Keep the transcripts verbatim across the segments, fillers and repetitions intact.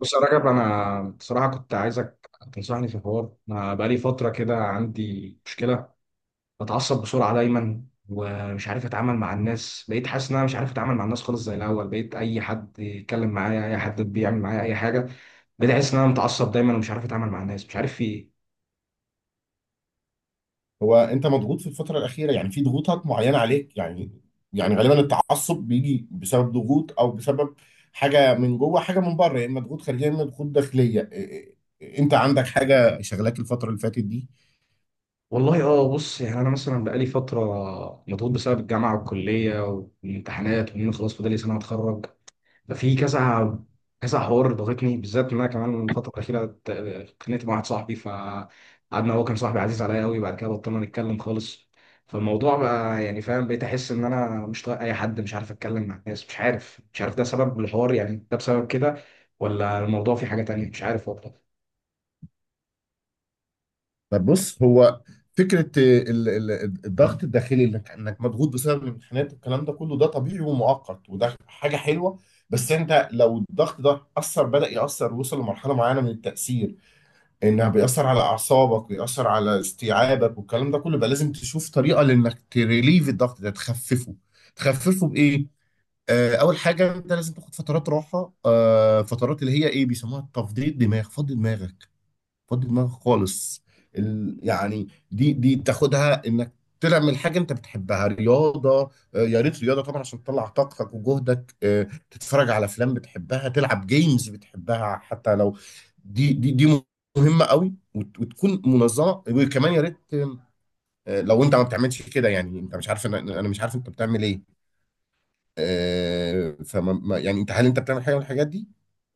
بص يا رجب، انا بصراحه كنت عايزك تنصحني في حوار. انا بقالي فتره كده عندي مشكله. بتعصب بسرعه دايما ومش عارف اتعامل مع الناس. بقيت حاسس ان انا مش عارف اتعامل مع الناس خالص زي الاول. بقيت اي حد يتكلم معايا، اي حد بيعمل معايا اي حاجه، بقيت احس ان انا متعصب دايما ومش عارف اتعامل مع الناس. مش عارف في ايه. هو انت مضغوط في الفتره الاخيره؟ يعني في ضغوطات معينه عليك يعني. يعني غالبا التعصب بيجي بسبب ضغوط او بسبب حاجه من جوه، حاجه من بره، يا اما ضغوط خارجيه يا اما ضغوط داخليه. إيه- إيه- انت عندك حاجه شغلاك الفتره اللي فاتت دي؟ والله اه، بص يعني انا مثلا بقالي فتره مضغوط بسبب الجامعه والكليه والامتحانات، وان خلاص فاضل لي سنه اتخرج. ففي كذا كذا حوار ضغطني، بالذات ان انا كمان الفتره الاخيره ت- اتخانقت مع واحد صاحبي، فقعدنا، هو كان صاحبي عزيز عليا قوي، بعد كده بطلنا نتكلم خالص. فالموضوع بقى يعني فاهم، بقيت احس ان انا مش طايق اي حد، مش عارف اتكلم مع الناس، مش عارف مش عارف ده سبب الحوار يعني، ده بسبب كده ولا الموضوع فيه حاجه تانية؟ مش عارف والله. طب بص، هو فكره ال- ال- الضغط الداخلي اللي انك إنك مضغوط بسبب الامتحانات والكلام ده كله، ده طبيعي ومؤقت وده حاجه حلوه. بس انت لو الضغط ده اثر، بدا ياثر، وصل لمرحله معينه من التاثير، انها بيأثر على اعصابك ويأثر على استيعابك والكلام ده كله، بقى لازم تشوف طريقه لانك تريليف الضغط ده، تخففه. تخففه بايه؟ آه، اول حاجه انت لازم تاخد فترات راحه، آه، فترات اللي هي ايه بيسموها تفضيل دماغ، فضي دماغك، فضي دماغك خالص. ال... يعني دي دي بتاخدها انك تعمل حاجه انت بتحبها. رياضه، آه، يا ريت رياضه طبعا عشان تطلع طاقتك وجهدك، آه، تتفرج على افلام بتحبها، تلعب جيمز بتحبها. حتى لو دي دي دي مهمه قوي وت- وتكون منظمه. وكمان يا ريت، آه، لو انت ما بتعملش كده، يعني انت مش عارف، انا أنا مش عارف انت بتعمل ايه. آه، فما ما- يعني انت هل انت بتعمل حاجه من الحاجات دي؟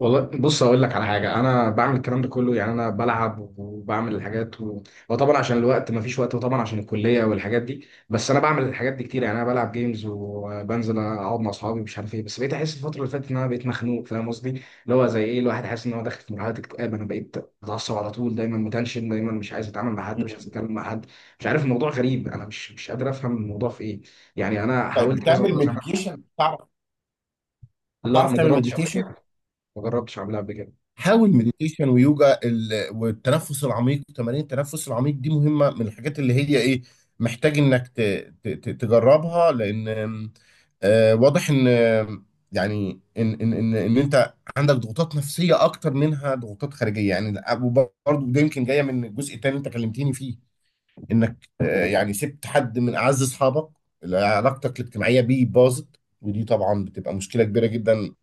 والله بص اقول لك على حاجه، انا بعمل الكلام ده كله. يعني انا بلعب وبعمل الحاجات و... وطبعا عشان الوقت ما فيش وقت، وطبعا عشان الكليه والحاجات دي. بس انا بعمل الحاجات دي كتير، يعني انا بلعب جيمز وبنزل اقعد مع اصحابي، مش عارف ايه. بس بقيت احس الفتره اللي فاتت ان انا بقيت مخنوق، فاهم قصدي؟ اللي هو زي ايه الواحد حاسس ان هو داخل في مرحله اكتئاب. انا بقيت اتعصب على طول، دايما متنشن، دايما مش عايز اتعامل مع حد، مش عايز مم. اتكلم مع حد. مش عارف، الموضوع غريب، انا مش مش قادر افهم الموضوع في ايه. يعني انا طيب، حاولت كذا بتعمل مره زمان. مديتيشن؟ تعرف لا، تعرف ما تعمل جربتش قبل مديتيشن؟ كده. ما جربتش اعملها قبل كده. حاول مديتيشن ويوجا ال- والتنفس العميق، تمارين التنفس العميق دي مهمة. من الحاجات اللي هي ايه محتاج انك ت- ت- ت- تجربها لان آم، آه، واضح ان آم، يعني ان ان ان ان انت عندك ضغوطات نفسية اكتر منها ضغوطات خارجية يعني. وبرضه ده يمكن جاية من الجزء التاني انت كلمتيني فيه، انك آه، يعني سبت حد من اعز اصحابك اللي علاقتك الاجتماعية بيه باظت. ودي طبعا بتبقى مشكلة كبيرة جدا،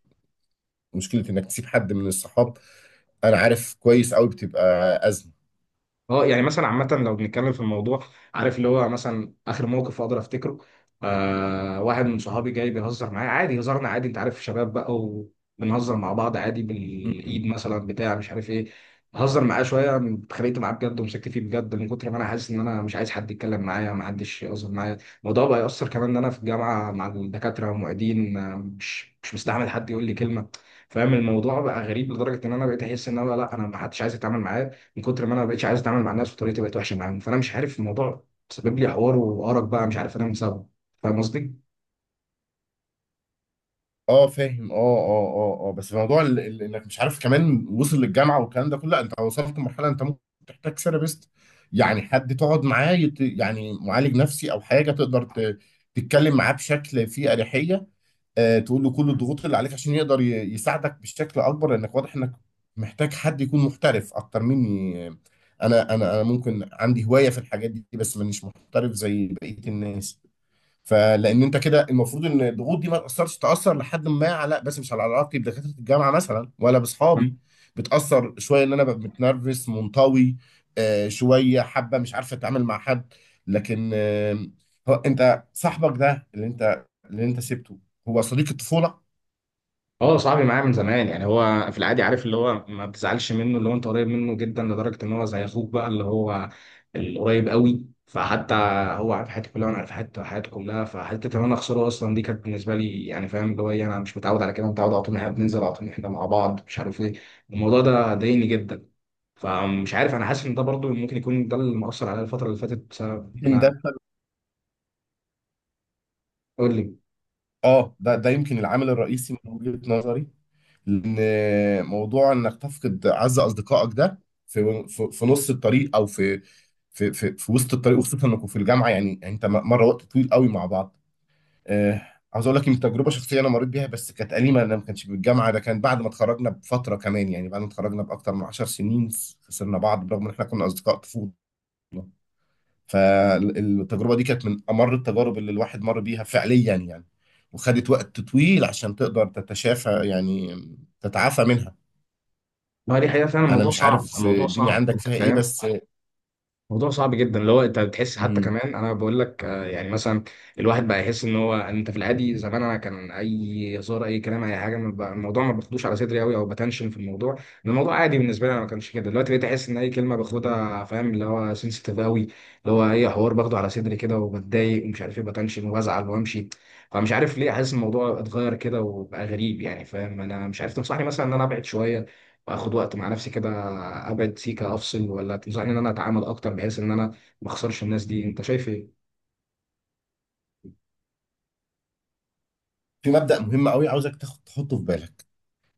مشكله انك تسيب حد من الصحاب، انا عارف كويس قوي بتبقى ازمه. اه يعني مثلا عامة لو بنتكلم في الموضوع، عارف اللي هو مثلا آخر موقف أقدر أفتكره، آه، واحد من صحابي جاي بيهزر معايا عادي، هزارنا عادي، أنت عارف شباب بقى وبنهزر مع بعض عادي بالإيد مم. مثلا بتاع، مش عارف إيه. بهزر معاه شوية، اتخانقت معاه بجد ومسكت فيه بجد من كتر ما أنا حاسس إن أنا مش عايز حد يتكلم معايا، ما حدش يهزر معايا. الموضوع بقى يأثر كمان إن أنا في الجامعة مع الدكاترة والمعيدين، آه، مش مش مستحمل حد يقول لي كلمة. فاهم، الموضوع بقى غريب لدرجة إن أنا بقيت أحس إن أنا لا، أنا ما حدش عايز يتعامل معايا من كتر ما انا ما بقتش عايز اتعامل مع الناس وطريقتي بقت وحشه معاهم. فانا مش عارف الموضوع سبب لي حوار وارق بقى، مش عارف انام بسببه. فاهم قصدي؟ اه فاهم، اه اه اه اه. بس في موضوع ال- ال- انك مش عارف كمان وصل للجامعه والكلام ده كله، لا، انت وصلت لمرحله انت ممكن تحتاج ثيرابيست. يعني حد تقعد معاه يت... يعني معالج نفسي او حاجه تقدر ت... تتكلم معاه بشكل فيه اريحيه، آه، تقول له كل الضغوط اللي عليك عشان يقدر ي- يساعدك بشكل اكبر، لانك واضح انك محتاج حد يكون محترف اكتر مني. انا انا انا ممكن عندي هواية في الحاجات دي بس مانيش محترف زي بقية الناس. فلان انت كده، المفروض ان الضغوط دي ما تاثرش، تاثر لحد ما على، بس مش على علاقتي بدكاتره الجامعه مثلا ولا باصحابي. بتاثر شويه ان انا ببقى متنرفز، منطوي، آه، شويه حابه مش عارفه اتعامل مع حد. لكن آه، هو انت صاحبك ده اللي انت اللي انت سبته هو صديق الطفوله؟ اه صاحبي معايا من زمان، يعني هو في العادي عارف اللي هو ما بتزعلش منه، اللي هو انت قريب منه جدا لدرجه ان هو زي اخوك بقى، اللي هو القريب قوي. فحتى هو عارف حياتي كلها، وانا عارف حياته حياته كلها، فحته ان انا اخسره اصلا دي كانت بالنسبه لي يعني، فاهم اللي هو ايه؟ انا مش متعود على كده، متعود على طول ان احنا بننزل، على طول ان احنا مع بعض، مش عارف ايه. الموضوع ده ضايقني جدا. فمش عارف، انا حاسس ان ده برضو ممكن يكون ده اللي مأثر عليا الفتره اللي فاتت بسبب ان يمكن انا... ده، قول لي. اه ده ده يمكن العامل الرئيسي من وجهه نظري. لان موضوع انك تفقد اعز اصدقائك ده في في في نص الطريق او في في في, في وسط الطريق، وخصوصا انكم في الجامعه يعني، يعني انت م- مره وقت طويل قوي مع بعض. آه، عاوز اقول لك ان تجربه شخصيه انا مريت بيها، بس كانت اليمه. انا ما كانش بالجامعه، ده كان بعد ما اتخرجنا بفتره كمان، يعني بعد ما اتخرجنا باكتر من 10 سنين خسرنا بعض، برغم ان احنا كنا اصدقاء طفوله. فالتجربه دي كانت من امر التجارب اللي الواحد مر بيها فعليا يعني، وخدت وقت طويل عشان تقدر تتشافى يعني، تتعافى منها. ما هي دي حقيقه فعلا، انا الموضوع مش صعب، عارف الموضوع الدنيا صعب، عندك انت فيها ايه فاهم. بس. موضوع صعب جدا، اللي هو انت بتحس حتى مم. كمان، انا بقول لك آه، يعني مثلا الواحد بقى يحس ان هو، انت في العادي زمان انا كان اي هزار، اي كلام، اي حاجه ما بقى- الموضوع ما باخدوش على صدري قوي او بتنشن في الموضوع، إن الموضوع عادي بالنسبه لي. انا ما كانش كده، دلوقتي بقيت احس ان اي كلمه باخدها، فاهم اللي هو سنسيتيف قوي، اللي هو اي حوار باخده على صدري كده وبتضايق ومش عارف ايه، بتنشن وبزعل وامشي. فمش عارف ليه حاسس الموضوع اتغير كده وبقى غريب يعني، فاهم؟ انا مش عارف، تنصحني مثلا ان انا ابعد شويه واخد وقت مع نفسي كده، ابعد سيكه افصل، ولا تنصحني ان انا اتعامل اكتر بحيث ان انا ما اخسرش الناس دي؟ انت شايف في مبدأ مهم قوي عاوزك تاخد تحطه في بالك،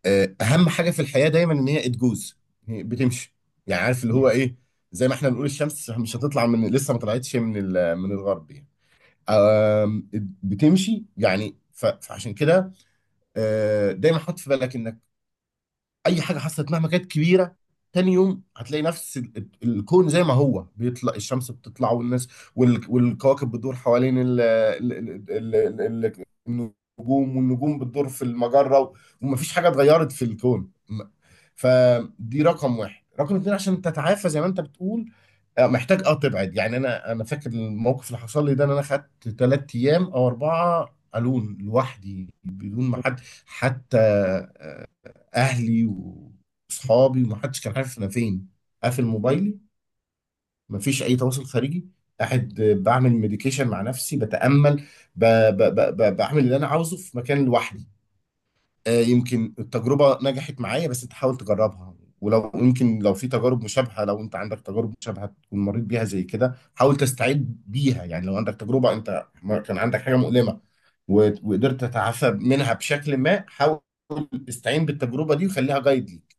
آه، اهم حاجة في الحياة دايما ان هي اتجوز بتمشي. يعني عارف اللي هو ايه؟ ايه؟ زي ما احنا بنقول الشمس مش هتطلع من، لسه ما طلعتش من ال- من الغرب يعني. آم، بتمشي يعني. ف- فعشان كده آه، دايما حط في بالك انك اي حاجه حصلت مهما كانت كبيره، تاني يوم هتلاقي نفس ال- ال- الكون زي ما هو. بيطلع الشمس بتطلع، والناس وال- والكواكب بتدور حوالين ال- ال- ال- ال- ال- النجوم والنجوم بتدور في المجرة و- ومفيش حاجة اتغيرت في الكون م- فدي رقم واحد. رقم اتنين، عشان تتعافى زي ما انت بتقول، آه، محتاج اه تبعد. يعني انا انا فاكر الموقف اللي حصل لي ده ان انا خدت ثلاث ايام او اربعة الون لوحدي، بدون ما حد، حتى اهلي واصحابي، ومحدش كان عارف انا فين. قافل موبايلي، مفيش اي تواصل خارجي، قاعد بعمل مديكيشن مع نفسي، بتامل، ب... ب... ب... ب... بعمل اللي انا عاوزه في مكان لوحدي. آه، يمكن التجربه نجحت معايا، بس انت حاول تجربها. ولو يمكن لو في تجارب مشابهه، لو انت عندك تجارب مشابهه تكون مريت بيها زي كده، حاول تستعد بيها. يعني لو عندك تجربه انت ما- كان عندك حاجه مؤلمه و- وقدرت تتعافى منها بشكل ما، حاول استعين بالتجربه دي وخليها جايد ليك.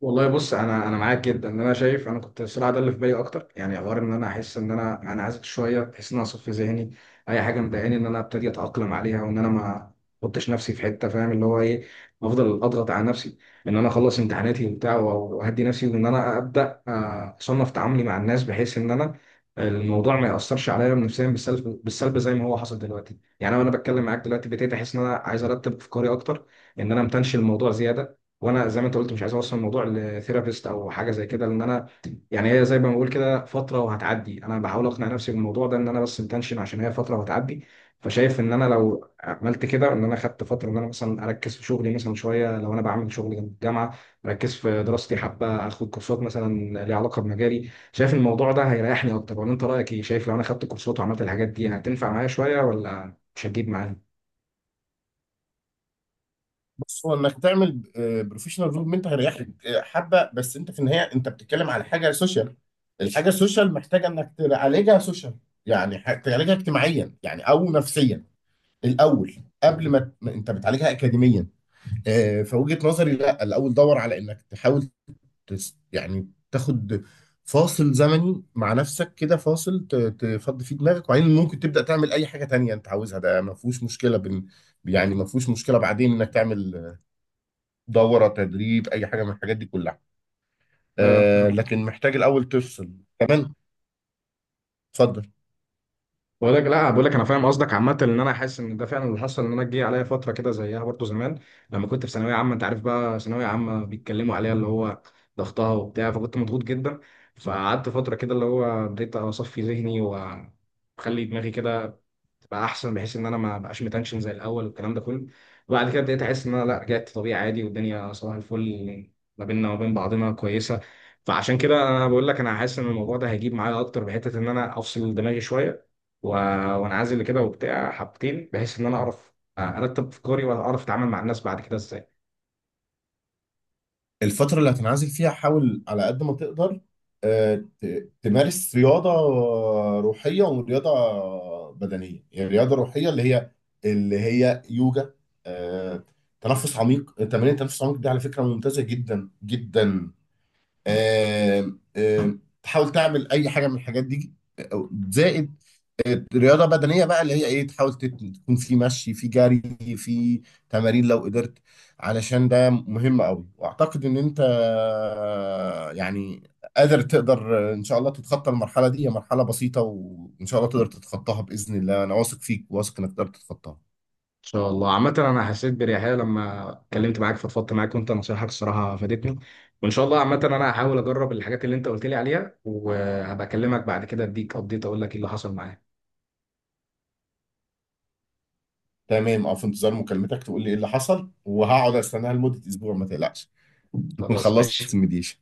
والله بص، انا انا معاك جدا، ان انا شايف انا كنت الصراحه ده اللي في بالي اكتر، يعني حوار ان انا احس ان انا انا عايز شويه، احس ان انا اصفي ذهني، اي حاجه مضايقاني ان انا ابتدي اتاقلم عليها، وان انا ما احطش نفسي في حته، فاهم اللي هو ايه؟ افضل اضغط على نفسي ان انا اخلص امتحاناتي وبتاع، و- واهدي نفسي، وان انا ابدا آه، اصنف تعاملي مع الناس بحيث ان انا الموضوع ما ياثرش عليا نفسيا بالسلب، بالسلب زي ما هو حصل دلوقتي. يعني انا وانا بتكلم معاك دلوقتي ابتديت احس ان انا عايز ارتب افكاري اكتر، ان انا ما امتنش الموضوع زياده. وانا زي ما انت قلت مش عايز اوصل الموضوع لثيرابيست او حاجه زي كده، لان انا يعني هي زي ما بقول كده فتره وهتعدي، انا بحاول اقنع نفسي بالموضوع ده ان انا بس متنشن عشان هي فتره وهتعدي. فشايف ان انا لو عملت كده، ان انا خدت فتره ان انا مثلا اركز في شغلي مثلا شويه، لو انا بعمل شغل جنب الجامعه، اركز في دراستي حبه، اخد كورسات مثلا ليها علاقه بمجالي، شايف الموضوع ده هيريحني اكتر ولا انت رايك ايه؟ شايف لو انا خدت كورسات وعملت الحاجات دي هتنفع معايا شويه ولا مش هتجيب بص، هو انك تعمل بروفيشنال ديفلوبمنت هيريحك آه حبه، بس انت في النهايه انت بتتكلم على حاجه سوشيال. الحاجه السوشيال محتاجه انك تعالجها سوشيال، يعني ح- تعالجها اجتماعيا يعني او نفسيا الاول، قبل ما ت- ما انت بتعالجها اكاديميا. آه، فوجهة نظري لا، الاول دور على انك تحاول تس يعني تاخد فاصل زمني مع نفسك كده، فاصل ت- تفضي فيه دماغك، وبعدين ممكن تبدا تعمل اي حاجه تانية انت عاوزها. ده ما فيهوش مشكله بين، يعني ما فيهوش مشكله بعدين انك تعمل دوره تدريب، اي حاجه من الحاجات دي كلها. معايا؟ آه لكن محتاج الاول تفصل. تمام، اتفضل. بقول لك لا، بقول لك انا فاهم قصدك عامه، ان انا حاسس ان ده فعلا اللي حصل. ان انا جه عليا فتره كده زيها برضو زمان لما كنت في ثانويه عامه، انت عارف بقى ثانويه عامه بيتكلموا عليها اللي هو ضغطها وبتاع، فكنت مضغوط جدا. فقعدت فتره كده اللي هو بديت اصفي ذهني واخلي دماغي كده تبقى احسن، بحيث ان انا ما بقاش متنشن زي الاول والكلام ده كله. وبعد كده ابتديت احس ان انا لا، رجعت طبيعي عادي والدنيا صباح الفل، ما بيننا وما بين بعضنا كويسه. فعشان كده انا بقول لك انا حاسس ان الموضوع ده هيجيب معايا اكتر بحته ان انا افصل دماغي شويه و... وانعزل كده وبتاع حبتين، بحيث ان انا اعرف ارتب افكاري واعرف اتعامل مع الناس بعد كده ازاي. الفتره اللي هتنعزل فيها حاول على قد ما تقدر، آه، ت- تمارس رياضه روحيه ورياضه بدنيه. يعني الرياضه الروحيه اللي هي اللي هي يوجا، آه، تنفس عميق، تمارين التنفس العميق دي على فكره ممتازه جدا جدا، آه آه، تحاول تعمل اي حاجه من الحاجات دي، آه، زائد رياضة بدنية بقى اللي هي ايه، تحاول تت- تكون في مشي، في جري، في تمارين لو قدرت، علشان ده مهم قوي. واعتقد ان انت يعني قادر، تقدر ان شاء الله تتخطى المرحلة دي، هي مرحلة بسيطة وان شاء الله تقدر تتخطاها بإذن الله. انا واثق فيك، واثق انك تقدر تتخطاها. ان شاء الله عامة، انا حسيت باريحية لما اتكلمت معاك فضفضت معاك، وانت نصايحك الصراحة فادتني. وان شاء الله عامة انا هحاول اجرب الحاجات اللي انت قلت لي عليها، وهبقى اكلمك بعد كده اديك ابديت اقول لك ايه اللي حصل معايا. تمام، او في انتظار مكالمتك تقول لي ايه اللي حصل، وهقعد استناها لمدة اسبوع، ما تقلقش تكون خلاص خلصت ماشي. المديشن.